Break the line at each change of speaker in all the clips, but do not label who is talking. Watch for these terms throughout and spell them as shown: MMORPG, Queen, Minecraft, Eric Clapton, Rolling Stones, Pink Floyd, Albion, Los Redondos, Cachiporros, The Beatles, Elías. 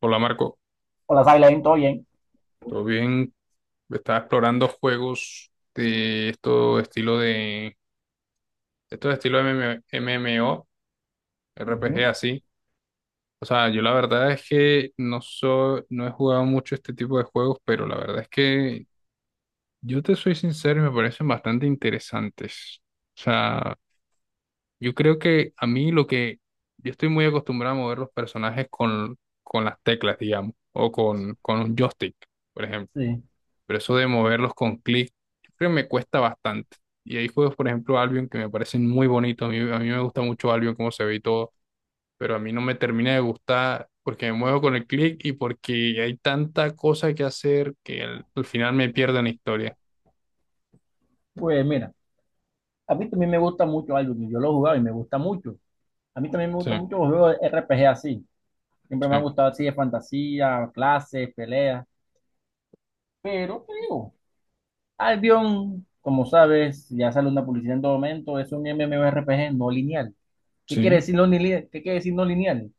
Hola Marco,
Hola, Silent, ¿todo bien?
¿todo bien? Estaba explorando juegos de esto estilo de esto estilo... MMORPG
Ujú,
así. O sea, yo la verdad es que no he jugado mucho este tipo de juegos, pero la verdad es que yo te soy sincero y me parecen bastante interesantes. O sea, yo creo que a mí lo que yo estoy muy acostumbrado a mover los personajes con las teclas, digamos, o con un joystick, por ejemplo.
sí.
Pero eso de moverlos con clic, yo creo que me cuesta bastante. Y hay juegos, por ejemplo, Albion, que me parecen muy bonitos. A mí me gusta mucho Albion, cómo se ve y todo. Pero a mí no me termina de gustar porque me muevo con el clic y porque hay tanta cosa que hacer que al final me pierdo en la historia.
Pues mira, a mí también me gusta mucho algo que yo lo he jugado y me gusta mucho. A mí también me
Sí,
gustan mucho los juegos de RPG así. Siempre me ha
sí,
gustado así de fantasía, clases, peleas. Pero te digo, Albion, como sabes, ya sale una publicidad en todo momento, es un MMORPG no lineal. ¿Qué quiere
sí,
decir no lineal? ¿Qué quiere decir no lineal?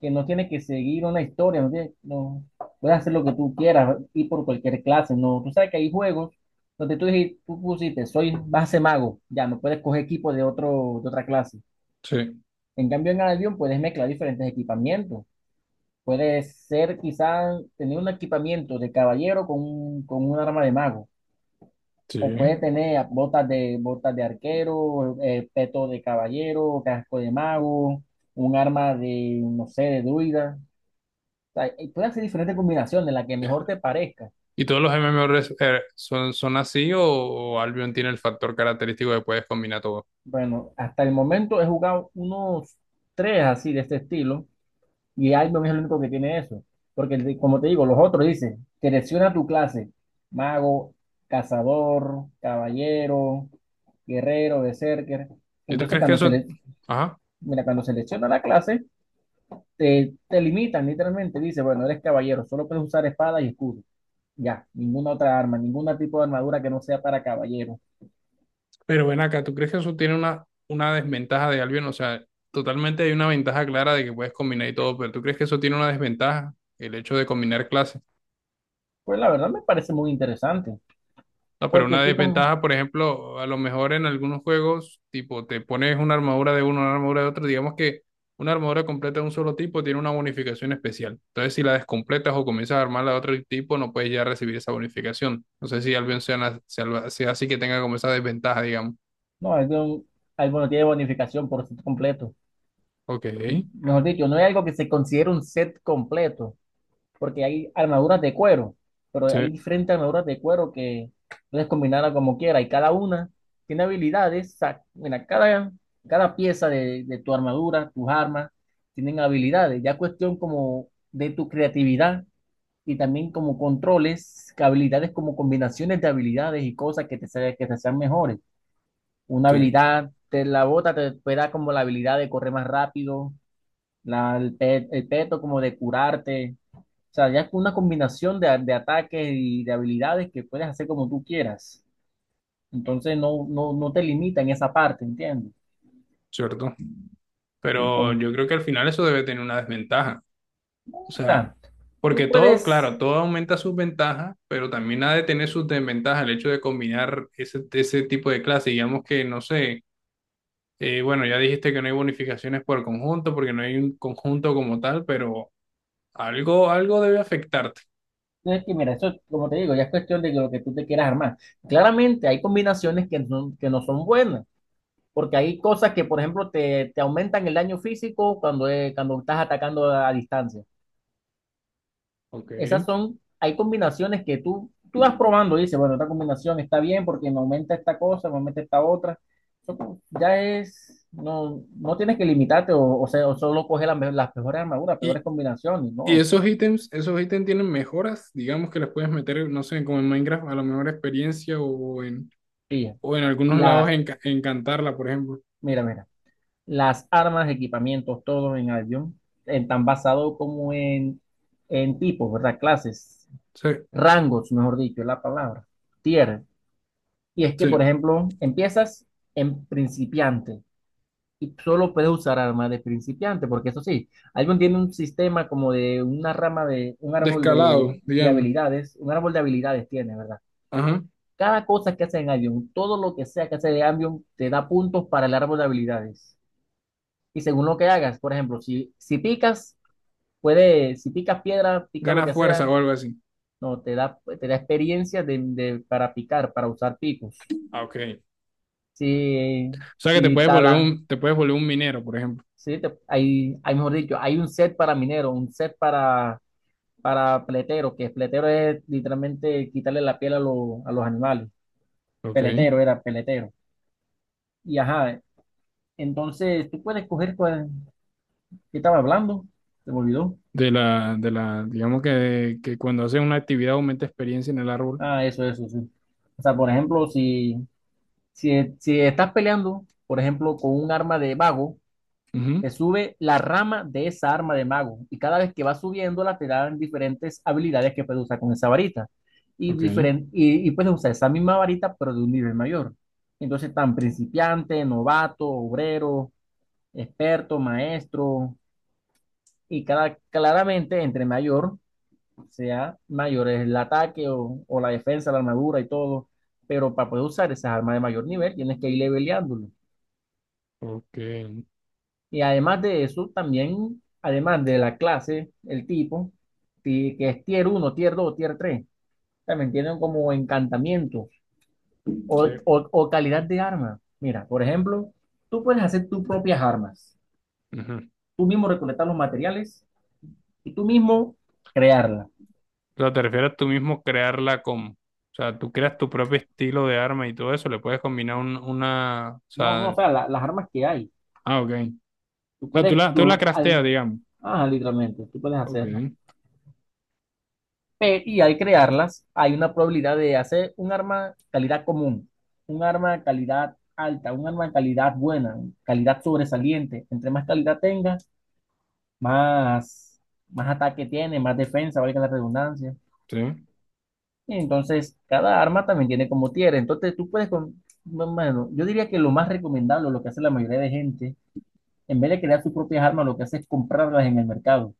Que no tiene que seguir una historia, no, no puedes hacer lo que tú quieras, ir por cualquier clase, no. Tú sabes que hay juegos donde tú pusiste, soy base mago, ya no puedes coger equipo de otro, de otra clase.
sí,
En cambio, en avión puedes mezclar diferentes equipamientos. Puedes ser quizás tener un equipamiento de caballero con, con un arma de mago
sí.
o puede tener botas de arquero, peto de caballero, casco de mago, un arma de, no sé, de druida. O sea, y puede hacer diferentes combinaciones, la que mejor te parezca.
¿Y todos los MMORPG son, son así o Albion tiene el factor característico de puedes combinar todo?
Bueno, hasta el momento he jugado unos tres así de este estilo y Albion es el único que tiene eso. Porque, como te digo, los otros dicen, selecciona tu clase, mago, cazador, caballero, guerrero, berserker.
¿Y tú
Entonces,
crees que
cuando se
eso...
le,
Ajá.
mira, cuando selecciona la clase, te limitan literalmente, dice, bueno, eres caballero, solo puedes usar espada y escudo, ya, ninguna otra arma, ningún tipo de armadura que no sea para caballero.
Pero ven acá, ¿tú crees que eso tiene una desventaja de Albion? O sea, totalmente hay una ventaja clara de que puedes combinar y todo, pero ¿tú crees que eso tiene una desventaja? El hecho de combinar clases.
Pues la verdad me parece muy interesante,
No, pero
porque
una
es que como,
desventaja, por ejemplo, a lo mejor en algunos juegos, tipo, te pones una armadura de uno, una armadura de otro, digamos que una armadura completa de un solo tipo tiene una bonificación especial. Entonces, si la descompletas o comienzas a armarla de otro tipo, no puedes ya recibir esa bonificación. No sé si Albion sea así que tenga como esa desventaja, digamos.
no, bueno, tiene bonificación por set completo.
Ok,
Mejor dicho, no es algo que se considere un set completo, porque hay armaduras de cuero, pero
sí,
hay diferentes armaduras de cuero que puedes combinarla como quieras y cada una tiene habilidades. O mira, cada, cada pieza de tu armadura, tus armas, tienen habilidades. Ya cuestión como de tu creatividad y también como controles, que habilidades como combinaciones de habilidades y cosas que que te sean mejores. Una
sí,
habilidad, te la bota, te puede dar como la habilidad de correr más rápido, la, el peto como de curarte, o sea, ya es una combinación de ataques y de habilidades que puedes hacer como tú quieras. Entonces no te limita en esa parte, ¿entiendes?
cierto. Pero
Entonces,
yo creo que al final eso debe tener una desventaja. O
o
sea,
sea,
porque
tú
todo,
puedes,
claro, todo aumenta sus ventajas, pero también ha de tener sus desventajas el hecho de combinar ese tipo de clases. Digamos que, no sé, bueno, ya dijiste que no hay bonificaciones por conjunto, porque no hay un conjunto como tal, pero algo, algo debe afectarte.
no es que mira, eso, como te digo, ya es cuestión de lo que tú te quieras armar. Claramente hay combinaciones que no son buenas, porque hay cosas que, por ejemplo, te aumentan el daño físico cuando, cuando estás atacando a distancia.
Ok.
Esas son, hay combinaciones que tú vas probando y dices, bueno, esta combinación está bien porque me aumenta esta cosa, me aumenta esta otra. Ya es, no, no tienes que limitarte o sea, o solo coger las mejores armaduras, peores
Y,
combinaciones,
y
no.
esos ítems tienen mejoras, digamos que las puedes meter, no sé, como en Minecraft, a la mejor experiencia
Pilla.
o en algunos lados
La,
en Cantarla, por ejemplo.
mira, las armas, equipamientos, todo en avión, en tan basado como en tipos, ¿verdad? Clases,
Sí.
rangos, mejor dicho, es la palabra, tier. Y es que, por
Sí,
ejemplo, empiezas en principiante, y solo puedes usar armas de principiante, porque eso sí, Albion tiene un sistema como de una rama de un árbol
descalado,
de
digamos.
habilidades, un árbol de habilidades tiene, ¿verdad?
Ajá.
Cada cosa que hace en Albion, todo lo que sea que hace de Albion, te da puntos para el árbol de habilidades. Y según lo que hagas, por ejemplo, si picas, puede, si picas piedra, pica lo
Gana
que
fuerza
sea,
o algo así.
no, te da experiencia de, para picar, para usar picos.
Ah, ok. O
Si,
sea que
si talas,
te puedes volver un minero, por ejemplo.
sí, hay, mejor dicho, hay un set para minero, un set para peletero, que peletero es literalmente quitarle la piel a, a los animales.
Ok.
Peletero era peletero. Y ajá, entonces tú puedes coger cuál, ¿qué estaba hablando? ¿Se me olvidó?
Digamos que cuando haces una actividad aumenta experiencia en el árbol.
Ah, eso, sí. O sea, por ejemplo, si estás peleando, por ejemplo, con un arma de vago,
Ujú.
te sube la rama de esa arma de mago y cada vez que va subiéndola te dan diferentes habilidades que puedes usar con esa varita y,
Ok.
y puedes usar esa misma varita pero de un nivel mayor. Entonces, tan principiante, novato, obrero, experto, maestro y cada, claramente entre mayor sea mayor es el ataque o la defensa, la armadura y todo, pero para poder usar esas armas de mayor nivel tienes que ir leveleándolo.
Ok.
Y además de eso, también, además de la clase, el tipo, que es tier uno tier 2 tier 3 también tienen como encantamientos o,
Sí.
o calidad de arma. Mira, por ejemplo, tú puedes hacer tus propias armas,
Ujú.
tú mismo recolectar los materiales y tú mismo crearlas.
O sea, te refieres a tú mismo crearla como. O sea, tú creas tu propio estilo de arma y todo eso, le puedes combinar un- una. O
No, no,
sea.
o sea, las armas que hay,
Ah, ok. O
tú
sea,
puedes,
tú la crafteas, digamos.
ajá, literalmente, tú puedes
Ok.
hacerlas. Y al crearlas hay una probabilidad de hacer un arma calidad común, un arma calidad alta, un arma calidad buena, calidad sobresaliente. Entre más calidad tenga, más, más ataque tiene, más defensa, valga la redundancia.
Sí.
Y entonces, cada arma también tiene como tier. Entonces, tú puedes con... no, bueno, yo diría que lo más recomendable, lo que hace la mayoría de gente, en vez de crear sus propias armas, lo que hace es comprarlas en el mercado.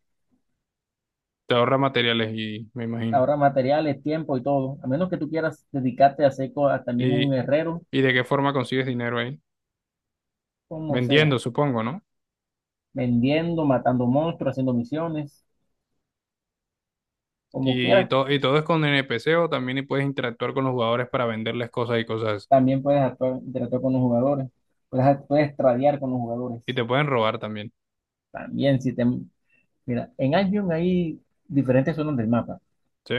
Te ahorra materiales y me imagino.
Ahora materiales, tiempo y todo. A menos que tú quieras dedicarte a hacer a también un
¿Y,
herrero
y de qué forma consigues dinero ahí?
como sea,
Vendiendo, supongo, ¿no?
vendiendo, matando monstruos, haciendo misiones, como
Y,
quieras.
to- y todo es con NPC o también y puedes interactuar con los jugadores para venderles cosas y cosas así.
También puedes actuar, interactuar con los jugadores, puedes tradear con los jugadores.
Y te pueden robar también.
También si te... Mira, en Albion hay diferentes zonas del mapa
¿Sí?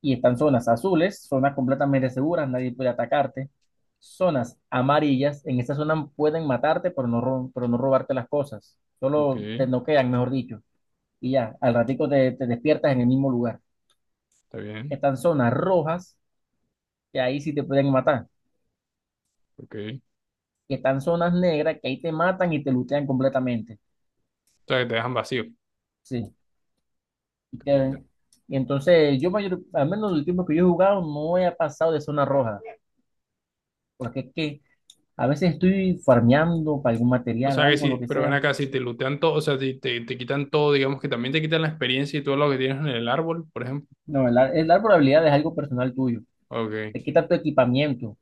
y están zonas azules, zonas completamente seguras, nadie puede atacarte. Zonas amarillas, en esta zona pueden matarte, pero pero no robarte las cosas.
Ok,
Solo
está
te noquean, mejor dicho. Y ya, al ratico te despiertas en el mismo lugar.
bien.
Están zonas rojas, que ahí sí te pueden matar,
Ok. O
que están zonas negras, que ahí te matan y te lutean completamente.
sea, que te dejan vacío.
Sí. Y, que-
Increíble.
y entonces yo mayor, al menos el tiempo que yo he jugado no he pasado de zona roja, porque es que a veces estoy farmeando para algún
O
material,
sea que
algo, lo
sí,
que
pero ven
sea.
acá, si te lootean todo, o sea, si te, te quitan todo, digamos que también te quitan la experiencia y todo lo que tienes en el árbol, por ejemplo.
No, el dar probabilidad es algo personal tuyo.
Ok,
Te quita tu equipamiento.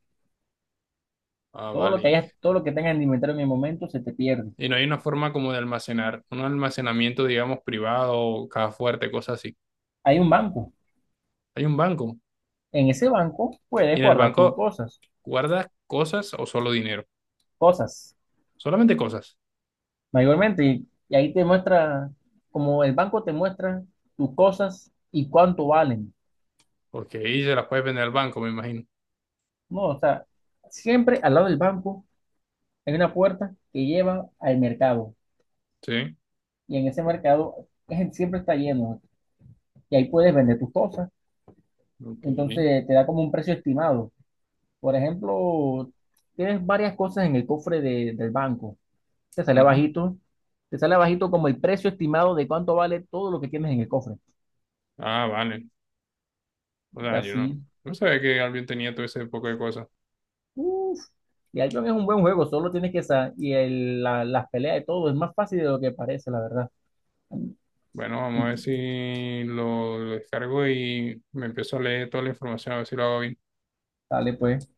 ah,
Todo lo que
vale.
hayas, todo lo que tengas en el inventario en el momento se te pierde.
Y no hay una forma como de almacenar, un almacenamiento, digamos, privado, caja fuerte, cosas así.
Hay un banco.
Hay un banco.
En ese banco
Y
puedes
en el
guardar tus
banco,
cosas,
¿guardas cosas o solo dinero?
cosas
Solamente cosas,
mayormente. Y ahí te muestra, como el banco te muestra tus cosas y cuánto valen.
porque ahí se las puedes vender al banco, me imagino.
No, o sea, siempre al lado del banco hay una puerta que lleva al mercado.
Sí,
Y en ese mercado siempre está lleno. Y ahí puedes vender tus cosas.
ok,
Entonces te da como un precio estimado. Por ejemplo, tienes varias cosas en el cofre del banco. Te sale
ujú.
bajito. Te sale bajito como el precio estimado de cuánto vale todo lo que tienes en el cofre.
Ah, vale. O
Y
sea, yo no,
así,
no sabía que alguien tenía todo ese poco de cosas.
uf, y Albion es un buen juego, solo tienes que saber. Y las peleas de todo es más fácil de lo que parece, la verdad.
Bueno, vamos a ver si lo descargo y me empiezo a leer toda la información, a ver si lo hago bien.
Dale, pues.